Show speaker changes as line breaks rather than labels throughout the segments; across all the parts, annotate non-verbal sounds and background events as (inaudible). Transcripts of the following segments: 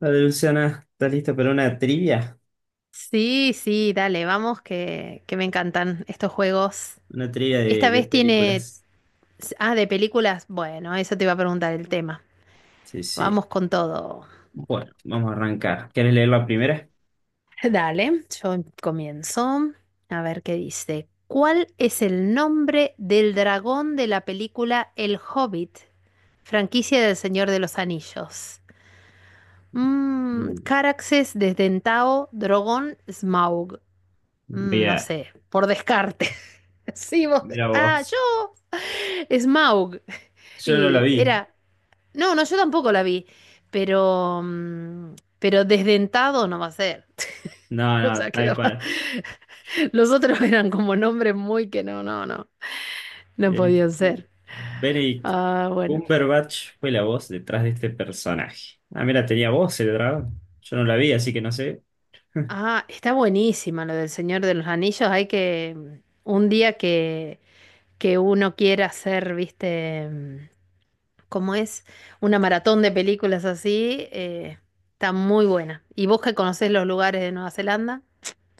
Vale, Luciana, ¿estás lista para una trivia?
Sí, sí, dale, vamos, que me encantan estos juegos.
Una trivia
Esta
de
vez tiene...
películas.
Ah, de películas. Bueno, eso te iba a preguntar el tema.
Sí, sí.
Vamos con todo.
Bueno, vamos a arrancar. ¿Quieres leer la primera?
(laughs) Dale, yo comienzo. A ver qué dice. ¿Cuál es el nombre del dragón de la película El Hobbit, franquicia del Señor de los Anillos?
Mm.
Caraxes, Desdentado, Drogón, Smaug. No
Mira,
sé, por descarte. Sí, vos.
mira
Ah,
vos.
yo. Smaug. (laughs)
Yo no la
Y
vi.
era. No, no, yo tampoco la vi. Pero. Pero desdentado no va a ser. (laughs)
No,
O
no,
sea,
tal
quedaba.
cual.
(laughs) Los otros eran como nombres muy que no, no, no. No
Eh,
podían ser.
Benedict
Ah, bueno.
Cumberbatch fue la voz detrás de este personaje. Ah, mira, tenía voz el dragón. Yo no la vi, así que no sé.
Ah, está buenísima lo del Señor de los Anillos. Hay que. Un día que. Que uno quiera ser, viste. Como es una maratón de películas así, está muy buena. Y vos que conocés los lugares de Nueva Zelanda,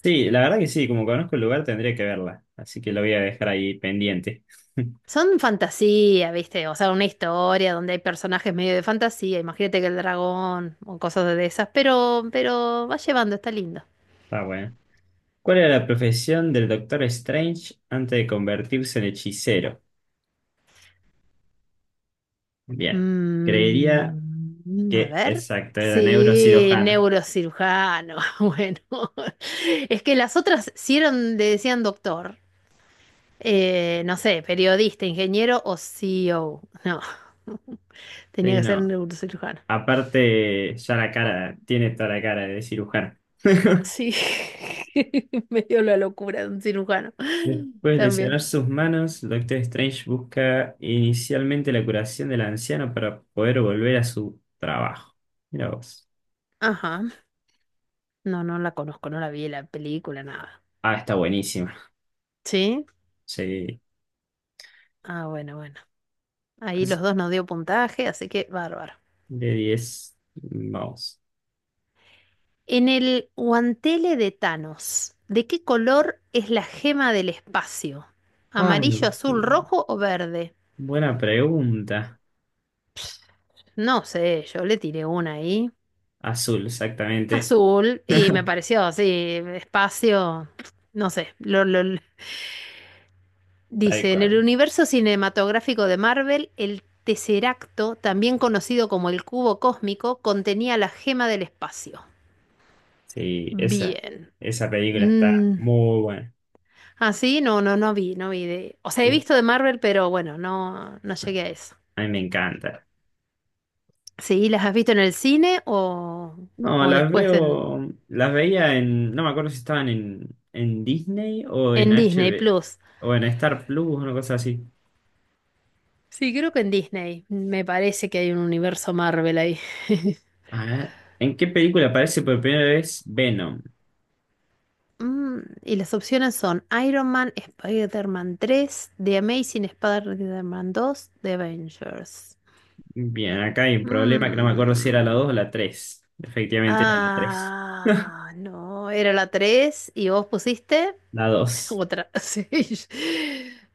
Sí, la verdad que sí, como conozco el lugar tendría que verla. Así que la voy a dejar ahí pendiente. (laughs)
son fantasía, ¿viste? O sea, una historia donde hay personajes medio de fantasía, imagínate que el dragón o cosas de esas, pero va llevando, está lindo.
Está bueno. ¿Cuál era la profesión del Doctor Strange antes de convertirse en hechicero? Bien, creería
A
que,
ver.
exacto, era
Sí,
neurocirujano.
neurocirujano. (laughs) Bueno, es que las otras sí eran, le decían doctor. No sé, periodista, ingeniero o CEO. No, (laughs) tenía
Sí,
que ser
no.
neurocirujano.
Aparte, ya la cara, tiene toda la cara de cirujano. (laughs)
Sí, (laughs) me dio la locura de un cirujano. (laughs)
Después de lesionar
También.
sus manos, el Doctor Strange busca inicialmente la curación del anciano para poder volver a su trabajo. Mira vos.
Ajá. No, no la conozco, no la vi la película, nada.
Ah, está buenísima.
¿Sí?
Sí.
Ah, bueno, bueno. Ahí los
Así,
dos nos dio puntaje, así que bárbaro.
de 10. Vamos.
En el guantele de Thanos, ¿de qué color es la gema del espacio?
Ay.
¿Amarillo, azul, rojo o verde?
Buena pregunta.
No sé, yo le tiré una ahí.
Azul, exactamente.
Azul
(laughs)
y me
Tal
pareció así, espacio, no sé, dice, en el
cual.
universo cinematográfico de Marvel, el Tesseracto, también conocido como el cubo cósmico, contenía la gema del espacio.
Sí, esa,
Bien.
esa película está
Mm,
muy buena.
Así no, no, no vi de... O sea, he
Uh,
visto de Marvel, pero bueno, no, no llegué a eso.
a mí me encanta.
Sí, ¿las has visto en el cine
No,
o
las
después en,
veo, las veía en, no me acuerdo si estaban en Disney o en
en
H
Disney
B
Plus?
o en Star Plus, una cosa así.
Sí, creo que en Disney. Me parece que hay un universo Marvel ahí. (laughs)
A ver, ¿en qué película aparece por primera vez Venom?
Y las opciones son Iron Man, Spider-Man 3, The Amazing Spider-Man 2, The Avengers.
Bien, acá hay un problema que no me acuerdo si era la
Mm,
2 o la tres. Efectivamente era la tres. (laughs)
Ah, no, era la 3. Y vos pusiste
La
(laughs)
dos.
otra. (laughs) Sí.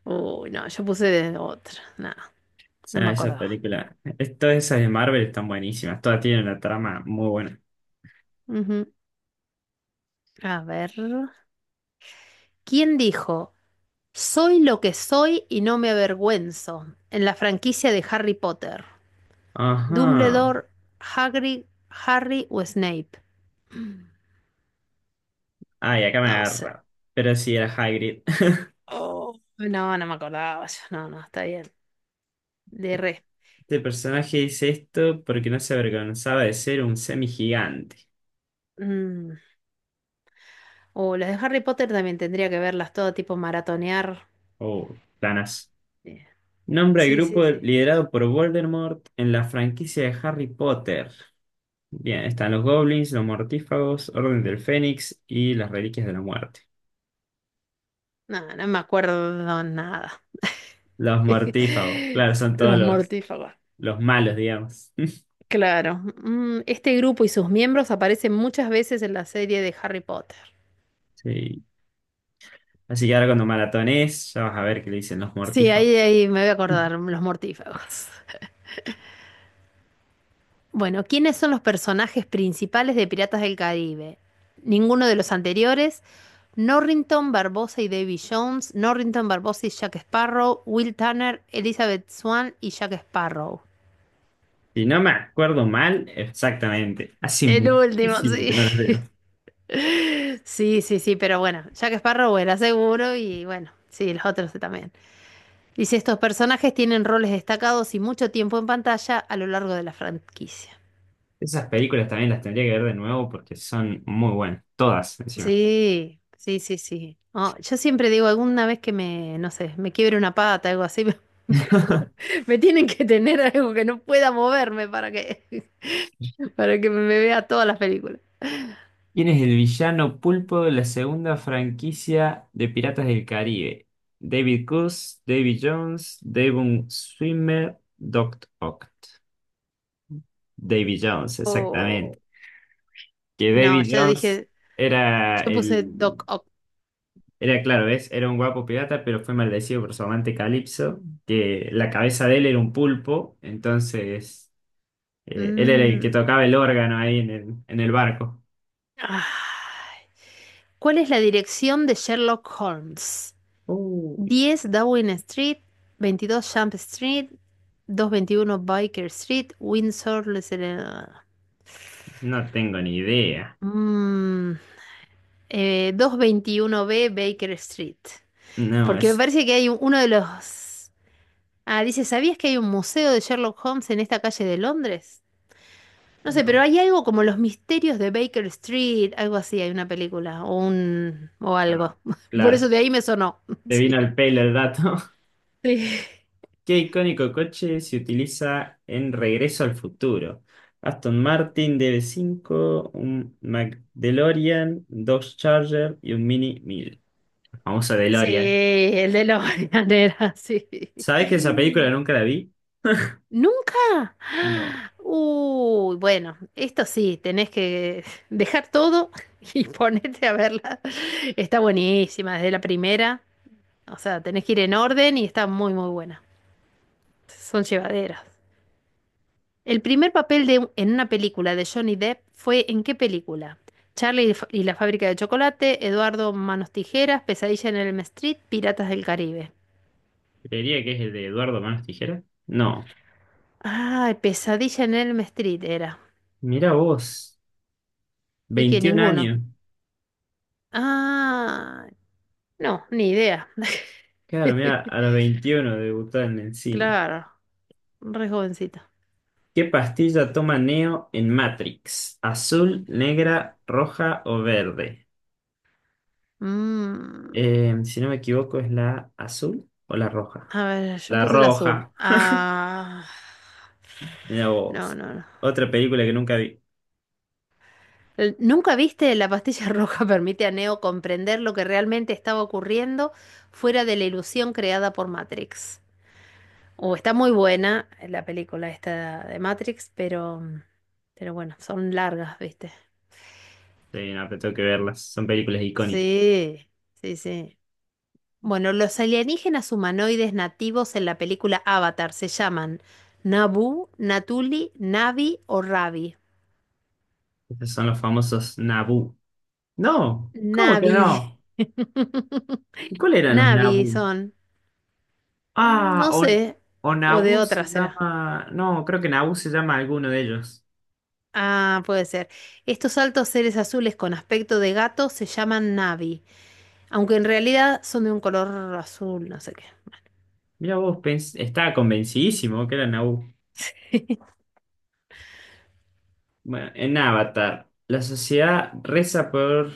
Uy, no, yo puse de otra. Nada, no me
Sea, esa
acordaba.
película, Todas esas de Marvel están buenísimas, todas tienen una trama muy buena.
Ujú. A ver. ¿Quién dijo? Soy lo que soy y no me avergüenzo en la franquicia de Harry Potter.
Ajá.
Dumbledore, Hagrid, Harry o Snape. (clears throat)
Ay, acá me
No sé.
agarra. Pero sí, era Hagrid. (laughs)
Oh, no, no me acordaba. Yo. No, no, está bien. De re.
Este personaje dice esto porque no se avergonzaba de ser un semigigante.
Mm. O las de Harry Potter también tendría que verlas todo tipo maratonear.
Oh, planas.
Eh,
Nombra el
Sí, sí,
grupo
sí.
liderado por Voldemort en la franquicia de Harry Potter. Bien, están los goblins, los mortífagos, Orden del Fénix y las Reliquias de la Muerte.
No, no me acuerdo nada.
Los mortífagos,
(laughs)
claro, son todos
Los
los,
mortífagos.
los malos, digamos. (laughs)
Claro. Este grupo y sus miembros aparecen muchas veces en la serie de Harry Potter.
Sí. Así que ahora cuando maratones, ya vas a ver qué le dicen los
Sí, ahí,
mortífagos.
ahí me voy a acordar, los mortífagos. Bueno, ¿quiénes son los personajes principales de Piratas del Caribe? Ninguno de los anteriores. Norrington, Barbosa y Davy Jones. Norrington, Barbosa y Jack Sparrow. Will Turner, Elizabeth Swann y Jack Sparrow.
Si no me acuerdo mal, exactamente. Hace
El último,
muchísimo que
sí.
no las veo.
(laughs) Sí, sí, sí, pero bueno, Jack Sparrow era seguro y bueno, sí, los otros también. Dice, estos personajes tienen roles destacados y mucho tiempo en pantalla a lo largo de la franquicia.
Esas películas también las tendría que ver de nuevo porque son muy buenas. Todas, encima.
Sí, sí, sí, sí. Oh, yo siempre digo, alguna vez que me, no sé, me quiebre una pata, algo así, (laughs) me, tienen que tener algo que no pueda moverme para que, (laughs) para que me vea todas las películas.
¿Quién es el villano pulpo de la segunda franquicia de Piratas del Caribe? David Coase, David Jones, Devon Swimmer, Doc Ock. David Jones,
O-
exactamente. Que
No,
David
yo
Jones
dije,
era
yo puse
el.
Doc Ock.
Era claro, ¿ves? Era un guapo pirata, pero fue maldecido por su amante Calipso, que la cabeza de él era un pulpo, entonces él era el que
Mm,
tocaba el órgano ahí en el barco.
ah. ¿Cuál es la dirección de Sherlock Holmes?
Uy,
10 Downing Street, 22 Jump Street, 221 Baker Street, Windsor, Les...
no tengo ni idea.
Mmm. 221B Baker Street.
No,
Porque me
eso.
parece que hay uno de los... Ah, dice, ¿sabías que hay un museo de Sherlock Holmes en esta calle de Londres? No sé, pero
No.
hay algo como los misterios de Baker Street, algo así, hay una película o un o
Ah, no.
algo. (laughs) Por
Claro,
eso de ahí me sonó. (laughs)
te vino
Sí.
al pelo el dato. (laughs)
Sí,
¿Qué icónico coche se utiliza en Regreso al Futuro? Aston Martin DB5, un McDeLorean, Dodge Charger y un Mini 1000. Famoso
sí,
DeLorean.
el de los (laughs) era, sí.
¿Sabés que esa película nunca la vi?
¿Nunca? (gasps)
No.
¡Ah! Uy, bueno, esto sí, tenés que dejar todo (laughs) y ponerte a verla. (laughs) Está buenísima desde la primera. O sea, tenés que ir en orden y está muy, muy buena. Son llevaderas. El primer papel de, en una película de Johnny Depp fue ¿en qué película? Charlie y la fábrica de chocolate, Eduardo Manos Tijeras, Pesadilla en Elm Street, Piratas del Caribe.
Creería que es el de Eduardo Manos Tijeras. No.
Ay, Pesadilla en Elm Street era.
Mirá vos.
Y que
veintiún
ninguno.
años.
Ah, no, ni idea.
Claro, mirá, a los
(laughs)
21 debutó en el cine.
Claro, re jovencita.
¿Qué pastilla toma Neo en Matrix? ¿Azul, negra, roja o verde?
Mm,
Si no me equivoco, ¿es la azul o la roja?
a ver, yo
La
puse el azul.
roja.
Ah,
Mirá
no,
vos.
no, no.
Otra película que nunca vi.
¿Nunca viste la pastilla (laughs) roja permite a Neo comprender lo que realmente estaba ocurriendo fuera de la ilusión creada por Matrix? O está muy buena la película esta de Matrix, pero bueno, son largas, ¿viste?
Sí, no, pero tengo que verlas. Son películas icónicas.
Sí, sí, sí. Bueno, los alienígenas humanoides nativos en la película Avatar se llaman Nabu, Natuli, Navi o Ravi.
Estos son los famosos Naboo. No, ¿cómo que
Navi.
no?
(laughs)
¿Y cuál eran los
Navi
Naboo?
son.
Ah,
No
o,
sé.
o
O de
Naboo se
otra será.
llama. No, creo que Naboo se llama alguno de ellos.
Ah, puede ser. Estos altos seres azules con aspecto de gato se llaman Navi, aunque en realidad son de un color azul, no sé qué.
Mira vos, estaba convencidísimo que era Naboo.
(laughs)
Bueno, en Avatar, la sociedad reza por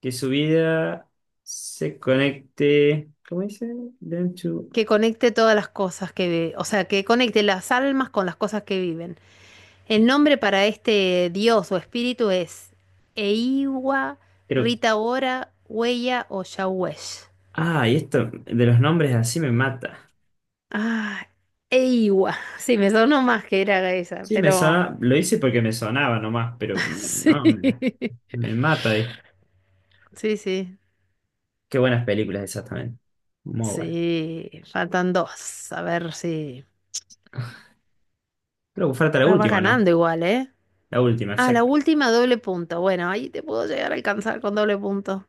que su vida se conecte. ¿Cómo dice? Them to-
Que conecte todas las cosas que ve, o sea, que conecte las almas con las cosas que viven. El nombre para este dios o espíritu es Eiwa,
Creo.
Ritaora, Huella o Yawesh.
Ah, y esto de los nombres así me mata.
Ah, Eiwa. Sí, me sonó más que era esa,
Sí, me
pero
sonaba. Lo hice porque me sonaba nomás, pero
(laughs)
no,
sí.
me mata ahí.
Sí, sí.
Qué buenas películas, exactamente. Muy buenas.
Sí, faltan dos. A ver si.
Creo que falta la
Ah, va
última, ¿no?
ganando igual, ¿eh?
La última,
Ah, la
exacta.
última doble punto. Bueno, ahí te puedo llegar a alcanzar con doble punto.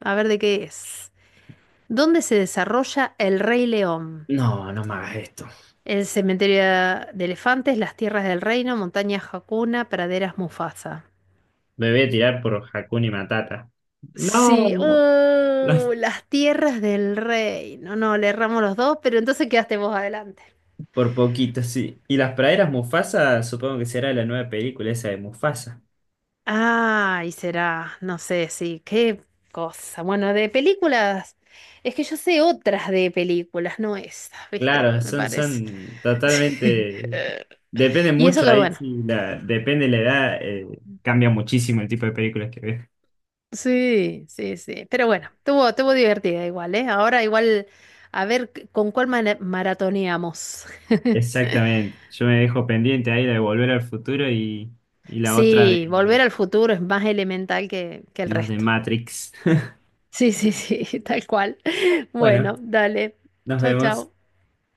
A ver de qué es. ¿Dónde se desarrolla el Rey León?
No, no me hagas esto.
El cementerio de elefantes, las tierras del reino, montañas Hakuna, praderas Mufasa.
Me voy a tirar por Hakuna Matata.
Sí,
No, no es
las tierras del reino. No, le erramos los dos, pero entonces quedaste vos adelante.
por poquito, sí. Y las praderas Mufasa, supongo que será la nueva película esa de Mufasa.
Ay, será, no sé, sí, qué cosa. Bueno, de películas, es que yo sé otras de películas, no esas, ¿viste?
Claro,
Me
son,
parece.
son
(laughs)
totalmente. Depende
Y eso
mucho
que
ahí,
bueno,
sí, depende la edad, cambia muchísimo el tipo de películas que ves.
sí, sí, sí. Pero bueno, tuvo, tuvo divertida igual, ¿eh? Ahora igual, a ver con cuál maratoneamos. (laughs)
Exactamente. Yo me dejo pendiente ahí la de Volver al Futuro y, la otra de
Sí, Volver al Futuro es más elemental que
y
el
las de
resto.
Matrix. (laughs)
Sí, sí, sí, (laughs) tal cual.
Bueno,
Bueno, dale.
nos
Chau,
vemos.
chau.